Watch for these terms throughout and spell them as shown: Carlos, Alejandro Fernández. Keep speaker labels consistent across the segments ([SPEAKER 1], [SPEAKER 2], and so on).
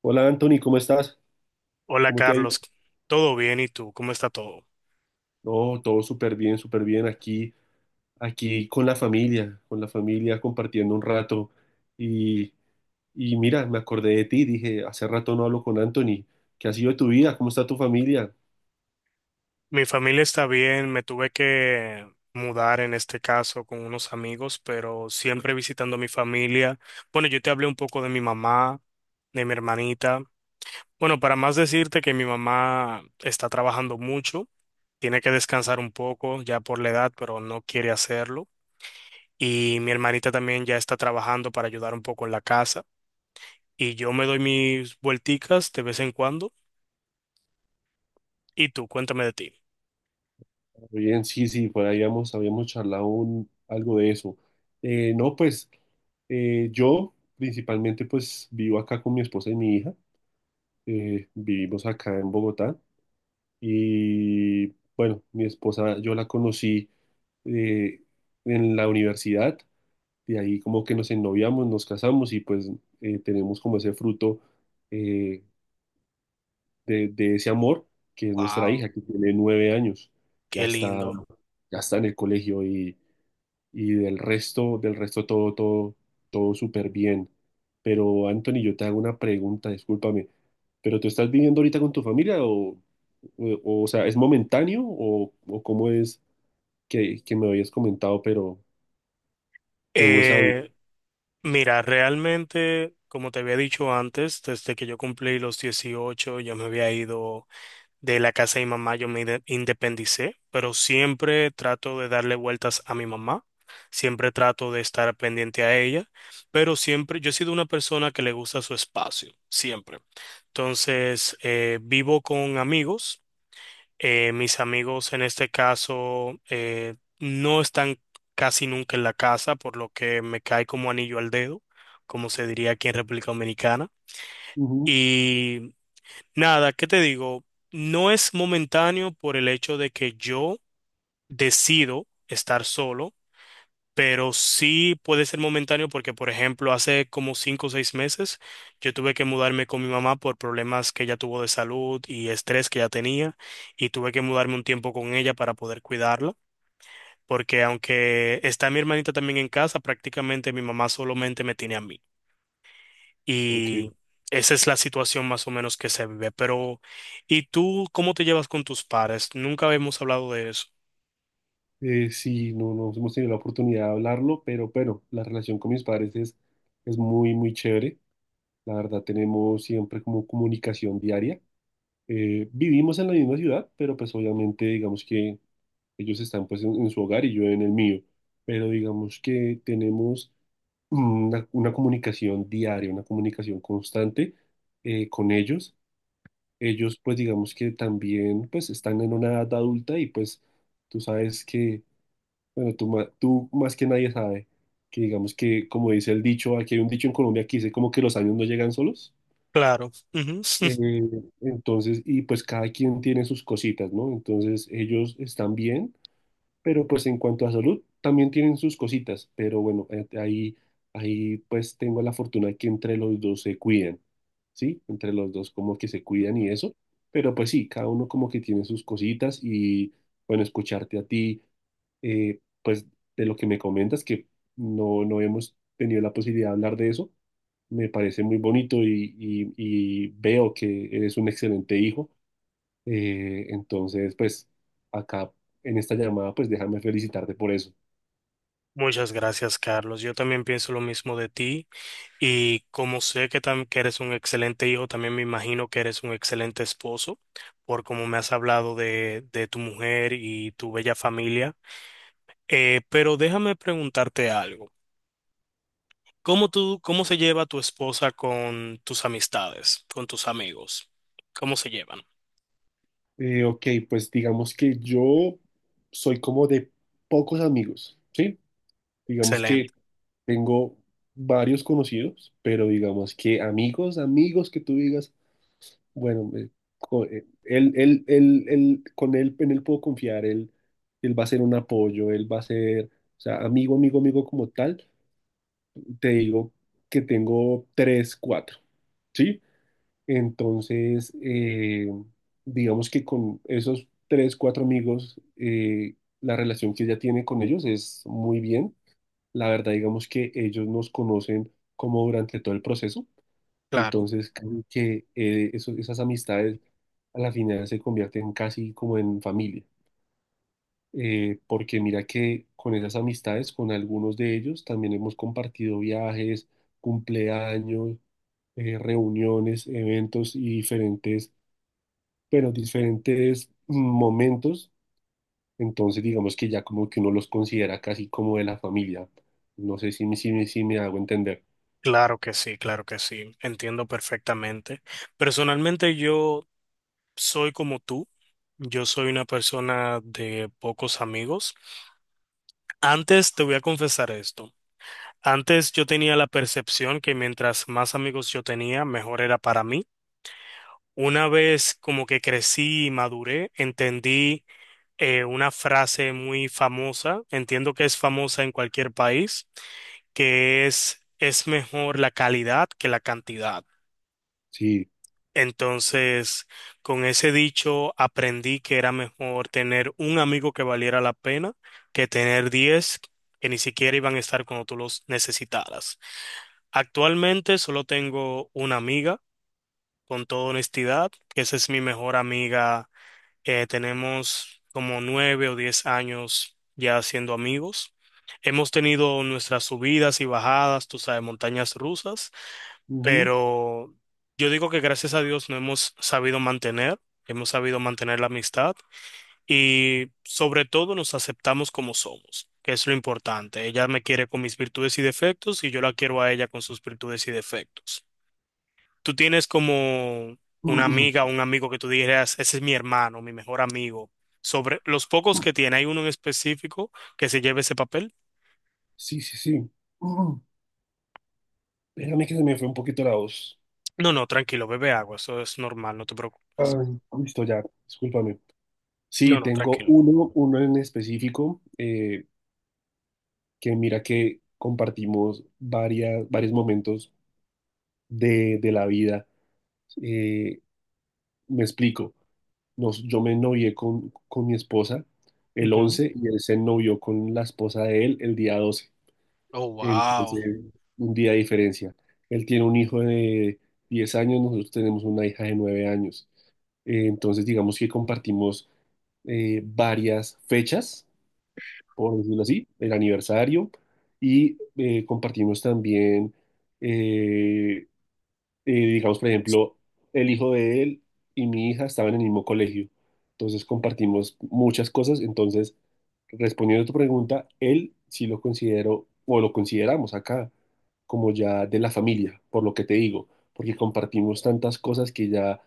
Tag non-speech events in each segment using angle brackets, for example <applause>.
[SPEAKER 1] Hola Anthony, ¿cómo estás?
[SPEAKER 2] Hola
[SPEAKER 1] ¿Cómo te ha ido?
[SPEAKER 2] Carlos, ¿todo bien? ¿Y tú? ¿Cómo está todo?
[SPEAKER 1] No, todo súper bien aquí, con la familia, compartiendo un rato. Y, y mira, me acordé de ti, dije, hace rato no hablo con Anthony. ¿Qué ha sido de tu vida? ¿Cómo está tu familia?
[SPEAKER 2] Mi familia está bien, me tuve que mudar en este caso con unos amigos, pero siempre visitando a mi familia. Bueno, yo te hablé un poco de mi mamá, de mi hermanita. Bueno, para más decirte que mi mamá está trabajando mucho, tiene que descansar un poco ya por la edad, pero no quiere hacerlo. Y mi hermanita también ya está trabajando para ayudar un poco en la casa. Y yo me doy mis vuelticas de vez en cuando. ¿Y tú? Cuéntame de ti.
[SPEAKER 1] Bien, sí, sí, por ahí habíamos charlado algo de eso. No, pues yo principalmente pues vivo acá con mi esposa y mi hija. Vivimos acá en Bogotá y bueno, mi esposa yo la conocí eh, en la universidad. De ahí como que nos ennoviamos, nos casamos y pues tenemos como ese fruto eh, de ese amor, que es nuestra
[SPEAKER 2] Wow,
[SPEAKER 1] hija, que tiene 9 años. ya
[SPEAKER 2] qué
[SPEAKER 1] está,
[SPEAKER 2] lindo.
[SPEAKER 1] ya está en el colegio y del resto todo súper bien. Pero Anthony, yo te hago una pregunta, discúlpame, pero ¿tú estás viviendo ahorita con tu familia, o sea, es momentáneo, o cómo es que me habías comentado, pero tengo esa duda?
[SPEAKER 2] Eh, Mira, realmente, como te había dicho antes, desde que yo cumplí los 18, yo me había ido de la casa de mi mamá, yo me independicé, pero siempre trato de darle vueltas a mi mamá, siempre trato de estar pendiente a ella, pero siempre, yo he sido una persona que le gusta su espacio, siempre. Entonces, vivo con amigos. Mis amigos en este caso, no están casi nunca en la casa, por lo que me cae como anillo al dedo, como se diría aquí en República Dominicana.
[SPEAKER 1] Ujú.
[SPEAKER 2] Y nada, ¿qué te digo? No es momentáneo por el hecho de que yo decido estar solo, pero sí puede ser momentáneo porque, por ejemplo, hace como 5 o 6 meses yo tuve que mudarme con mi mamá por problemas que ella tuvo de salud y estrés que ella tenía y tuve que mudarme un tiempo con ella para poder cuidarla. Porque aunque está mi hermanita también en casa, prácticamente mi mamá solamente me tiene a mí.
[SPEAKER 1] Ok.
[SPEAKER 2] Y esa es la situación más o menos que se vive. Pero, ¿y tú cómo te llevas con tus padres? Nunca habíamos hablado de eso.
[SPEAKER 1] Sí, no hemos tenido la oportunidad de hablarlo, pero la relación con mis padres es muy, muy chévere. La verdad, tenemos siempre como comunicación diaria. Vivimos en la misma ciudad, pero pues obviamente digamos que ellos están pues en su hogar y yo en el mío, pero digamos que tenemos una comunicación diaria, una comunicación constante con ellos. Ellos pues digamos que también pues están en una edad adulta y pues tú sabes que bueno, tú más que nadie sabe que digamos que, como dice el dicho, aquí hay un dicho en Colombia que dice como que los años no llegan solos.
[SPEAKER 2] Claro. Ujú. <laughs>
[SPEAKER 1] Eh, entonces, y pues cada quien tiene sus cositas, ¿no? Entonces ellos están bien, pero pues en cuanto a salud también tienen sus cositas, pero bueno, ahí pues tengo la fortuna de que entre los dos se cuidan, ¿sí? Entre los dos como que se cuidan y eso, pero pues sí, cada uno como que tiene sus cositas y bueno, escucharte a ti, pues de lo que me comentas, que no hemos tenido la posibilidad de hablar de eso, me parece muy bonito, y veo que eres un excelente hijo. Entonces, pues acá en esta llamada, pues déjame felicitarte por eso.
[SPEAKER 2] Muchas gracias, Carlos. Yo también pienso lo mismo de ti. Y como sé que, que eres un excelente hijo, también me imagino que eres un excelente esposo, por como me has hablado de tu mujer y tu bella familia. Pero déjame preguntarte algo. ¿Cómo se lleva tu esposa con tus amistades, con tus amigos? ¿Cómo se llevan?
[SPEAKER 1] Ok, pues digamos que yo soy como de pocos amigos, ¿sí? Digamos que
[SPEAKER 2] Excelente.
[SPEAKER 1] tengo varios conocidos, pero digamos que amigos, amigos que tú digas. Bueno, con él, en él puedo confiar. Él va a ser un apoyo, él va a ser, o sea, amigo, amigo, amigo como tal, te digo que tengo tres, cuatro, ¿sí? Entonces, digamos que con esos tres, cuatro amigos, la relación que ella tiene con ellos es muy bien. La verdad, digamos que ellos nos conocen como durante todo el proceso.
[SPEAKER 2] Claro,
[SPEAKER 1] Entonces, casi que esas amistades a la final se convierten casi como en familia. Porque mira que con esas amistades, con algunos de ellos, también hemos compartido viajes, cumpleaños, reuniones, eventos y diferentes, pero diferentes mm, momentos. Entonces, digamos que ya como que uno los considera casi como de la familia. No sé si me hago entender.
[SPEAKER 2] claro que sí, claro que sí. Entiendo perfectamente. Personalmente yo soy como tú. Yo soy una persona de pocos amigos. Antes te voy a confesar esto. Antes yo tenía la percepción que mientras más amigos yo tenía, mejor era para mí. Una vez como que crecí y maduré, entendí una frase muy famosa, entiendo que es famosa en cualquier país, que es mejor la calidad que la cantidad.
[SPEAKER 1] Sí.
[SPEAKER 2] Entonces, con ese dicho aprendí que era mejor tener un amigo que valiera la pena que tener 10 que ni siquiera iban a estar cuando tú los necesitaras. Actualmente solo tengo una amiga, con toda honestidad, que esa es mi mejor amiga. Tenemos como 9 o 10 años ya siendo amigos. Hemos tenido nuestras subidas y bajadas, tú sabes, montañas rusas,
[SPEAKER 1] Ujú.
[SPEAKER 2] pero yo digo que gracias a Dios no hemos sabido mantener, hemos sabido mantener la amistad y sobre todo nos aceptamos como somos, que es lo importante. Ella me quiere con mis virtudes y defectos y yo la quiero a ella con sus virtudes y defectos. ¿Tú tienes como una amiga o
[SPEAKER 1] <clears throat>
[SPEAKER 2] un amigo que tú dijeras, ese es mi hermano, mi mejor amigo? Sobre los pocos que tiene, ¿hay uno en específico que se lleve ese papel?
[SPEAKER 1] Sí, sí, sí. <clears throat> Espérame que se me fue un poquito la voz.
[SPEAKER 2] No, no, tranquilo, bebe agua, eso es normal, no te preocupes.
[SPEAKER 1] Ay, listo, ya, discúlpame.
[SPEAKER 2] No,
[SPEAKER 1] Sí,
[SPEAKER 2] no,
[SPEAKER 1] tengo
[SPEAKER 2] tranquilo.
[SPEAKER 1] uno en específico, que mira que compartimos varios momentos de la vida. Eh, Me explico. Yo me novié con mi esposa el
[SPEAKER 2] Ujú.
[SPEAKER 1] once y él se novió con la esposa de él el día 12.
[SPEAKER 2] Oh,
[SPEAKER 1] Entonces,
[SPEAKER 2] wow.
[SPEAKER 1] un día de diferencia. Él tiene un hijo de 10 años, nosotros tenemos una hija de 9 años. Entonces, digamos que compartimos, varias fechas, por decirlo así, el aniversario, y compartimos también, eh, digamos, por ejemplo, el hijo de él y mi hija estaban en el mismo colegio, entonces compartimos muchas cosas. Entonces, respondiendo a tu pregunta, él sí lo considero, o lo consideramos acá, como ya de la familia, por lo que te digo, porque compartimos tantas cosas que ya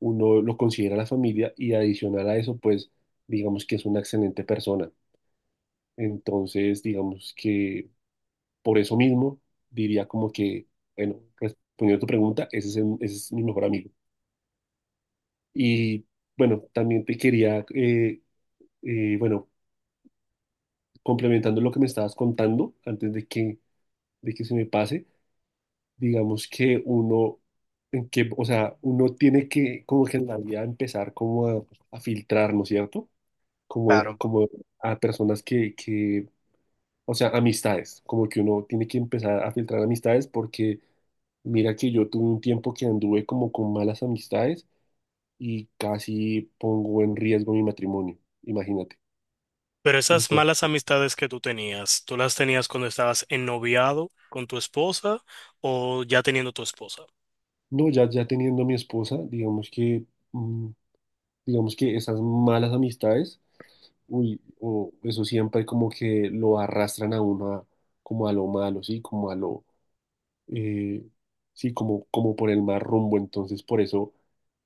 [SPEAKER 1] uno lo considera la familia, y adicional a eso, pues, digamos que es una excelente persona. Entonces, digamos que por eso mismo, diría como que, bueno, respondiendo a tu pregunta, ese es mi mejor amigo. Y bueno, también te quería, bueno, complementando lo que me estabas contando, antes de que se me pase, digamos que uno, en que, o sea, uno tiene que, como que en la vida empezar como a filtrar, ¿no es cierto? Como,
[SPEAKER 2] Claro.
[SPEAKER 1] como a personas o sea, amistades, como que uno tiene que empezar a filtrar amistades, porque mira que yo tuve un tiempo que anduve como con malas amistades y casi pongo en riesgo mi matrimonio, imagínate.
[SPEAKER 2] Pero esas malas
[SPEAKER 1] Entonces,
[SPEAKER 2] amistades que tú tenías, ¿tú las tenías cuando estabas ennoviado con tu esposa o ya teniendo tu esposa?
[SPEAKER 1] no, ya teniendo mi esposa, mm, digamos que esas malas amistades, uy, o eso siempre como que lo arrastran a uno como a lo malo, sí, como a lo, eh, sí, como por el mal rumbo. Entonces, por eso,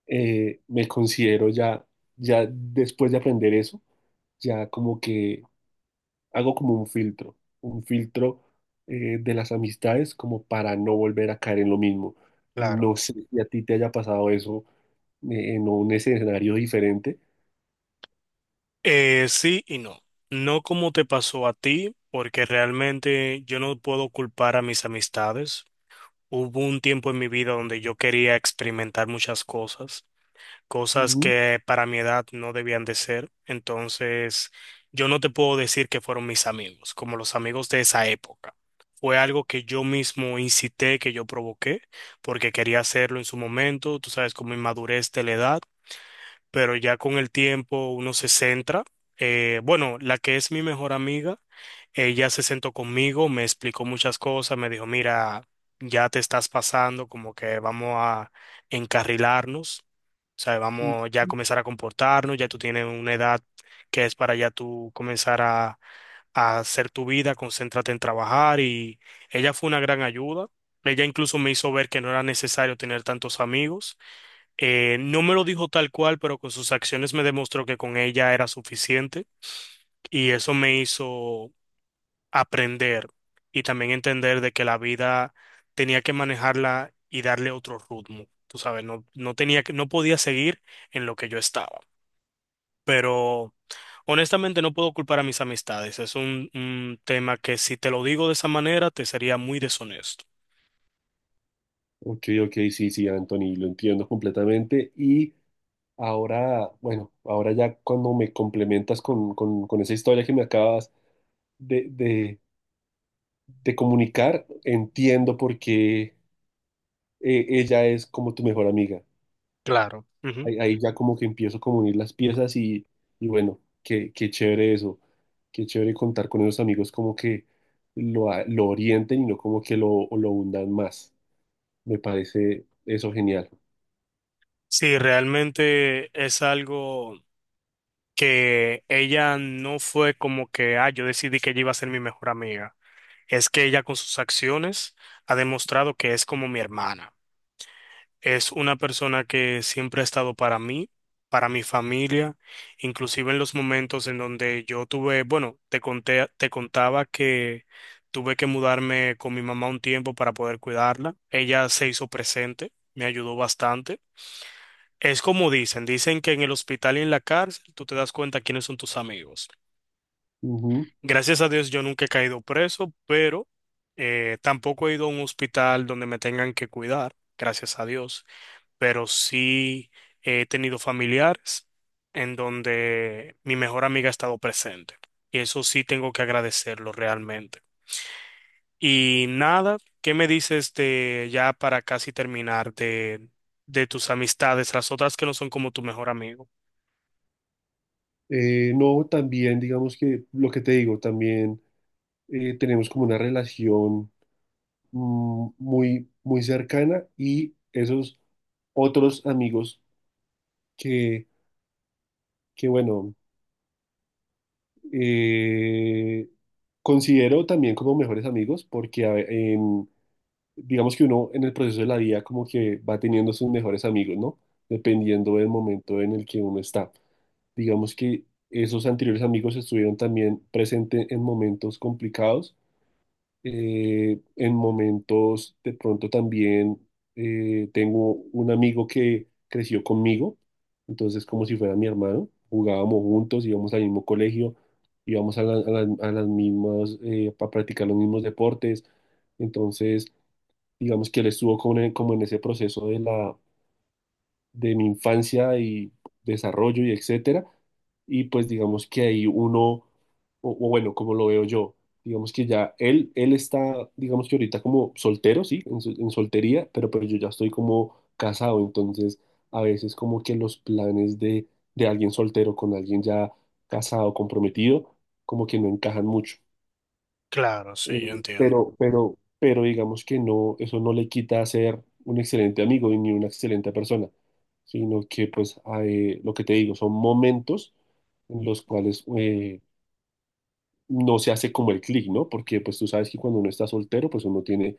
[SPEAKER 1] me considero ya, ya después de aprender eso, ya como que hago como un filtro, de las amistades, como para no volver a caer en lo mismo.
[SPEAKER 2] Claro.
[SPEAKER 1] No sé si a ti te haya pasado eso, en un escenario diferente.
[SPEAKER 2] Sí y no. No como te pasó a ti, porque realmente yo no puedo culpar a mis amistades. Hubo un tiempo en mi vida donde yo quería experimentar muchas cosas, cosas
[SPEAKER 1] Ujú,
[SPEAKER 2] que para mi edad no debían de ser. Entonces, yo no te puedo decir que fueron mis amigos, como los amigos de esa época. Fue algo que yo mismo incité, que yo provoqué, porque quería hacerlo en su momento, tú sabes, como inmadurez de la edad, pero ya con el tiempo uno se centra. Bueno, la que es mi mejor amiga, ella se sentó conmigo, me explicó muchas cosas, me dijo, mira, ya te estás pasando, como que vamos a encarrilarnos, o sea,
[SPEAKER 1] ujú.
[SPEAKER 2] vamos ya a comenzar a comportarnos, ya tú tienes una edad que es para ya tú comenzar a, hacer tu vida, concéntrate en trabajar y ella fue una gran ayuda. Ella incluso me hizo ver que no era necesario tener tantos amigos. No me lo dijo tal cual, pero con sus acciones me demostró que con ella era suficiente y eso me hizo aprender y también entender de que la vida tenía que manejarla y darle otro ritmo. Tú sabes, no, no tenía que, no podía seguir en lo que yo estaba. Pero honestamente no puedo culpar a mis amistades. Es un tema que si te lo digo de esa manera te sería muy deshonesto.
[SPEAKER 1] Ok, ok, sí, sí, Anthony, lo entiendo completamente. Y ahora, bueno, ahora ya cuando me complementas con, esa historia que me acabas de, de- de comunicar, entiendo por qué, ella es como tu mejor amiga.
[SPEAKER 2] Claro. Ujú.
[SPEAKER 1] Ahí ya como que empiezo como a unir las piezas y, bueno, qué chévere eso, qué chévere contar con esos amigos como que lo orienten y no como que lo hundan más. Me parece eso genial.
[SPEAKER 2] Sí, realmente es algo que ella no fue como que, ah, yo decidí que ella iba a ser mi mejor amiga. Es que ella con sus acciones ha demostrado que es como mi hermana. Es una persona que siempre ha estado para mí, para mi familia, inclusive en los momentos en donde yo tuve, bueno, te contaba que tuve que mudarme con mi mamá un tiempo para poder cuidarla. Ella se hizo presente, me ayudó bastante. Es como dicen, dicen que en el hospital y en la cárcel tú te das cuenta quiénes son tus amigos.
[SPEAKER 1] Ujú.
[SPEAKER 2] Gracias a Dios yo nunca he caído preso, pero tampoco he ido a un hospital donde me tengan que cuidar, gracias a Dios, pero sí he tenido familiares en donde mi mejor amiga ha estado presente. Y eso sí tengo que agradecerlo realmente. Y nada, ¿qué me dices de ya para casi terminar de tus amistades, las otras que no son como tu mejor amigo?
[SPEAKER 1] No, también digamos que lo que te digo, también tenemos como una relación, muy, muy cercana, y esos otros amigos que, que bueno, Eh, considero también como mejores amigos porque digamos que uno en el proceso de la vida como que va teniendo sus mejores amigos, ¿no? Dependiendo del momento en el que uno está. Digamos que esos anteriores amigos estuvieron también presentes en momentos complicados, en momentos, de pronto también, tengo un amigo que creció conmigo, entonces como si fuera mi hermano, jugábamos juntos, íbamos al mismo colegio, íbamos a las mismas, para practicar los mismos deportes. Entonces digamos que él estuvo como en, ese proceso de mi infancia y desarrollo y etcétera. Y pues digamos que ahí uno, o, bueno, como lo veo yo, digamos que ya él está, digamos que ahorita como soltero, sí, en soltería, pero pues yo ya estoy como casado. Entonces a veces como que los planes de alguien soltero con alguien ya casado, comprometido, como que no encajan mucho.
[SPEAKER 2] Claro,
[SPEAKER 1] Eh,
[SPEAKER 2] sí, yo entiendo.
[SPEAKER 1] pero digamos que no, eso no le quita ser un excelente amigo y ni una excelente persona, sino que pues lo que te digo, son momentos en los cuales, no se hace como el clic, ¿no? Porque pues tú sabes que cuando uno está soltero, pues uno tiene,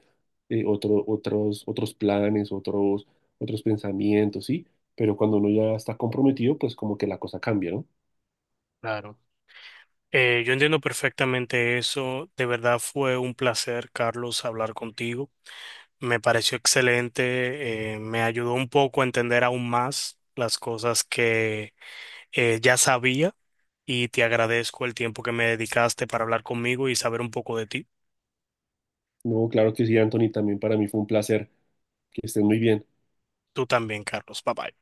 [SPEAKER 1] otros planes, otros pensamientos, ¿sí? Pero cuando uno ya está comprometido, pues como que la cosa cambia, ¿no?
[SPEAKER 2] Claro. Yo entiendo perfectamente eso. De verdad fue un placer, Carlos, hablar contigo. Me pareció excelente. Me ayudó un poco a entender aún más las cosas que ya sabía y te agradezco el tiempo que me dedicaste para hablar conmigo y saber un poco de ti.
[SPEAKER 1] No, claro que sí, Anthony, también para mí fue un placer. Que estén muy bien.
[SPEAKER 2] Tú también, Carlos. Bye bye.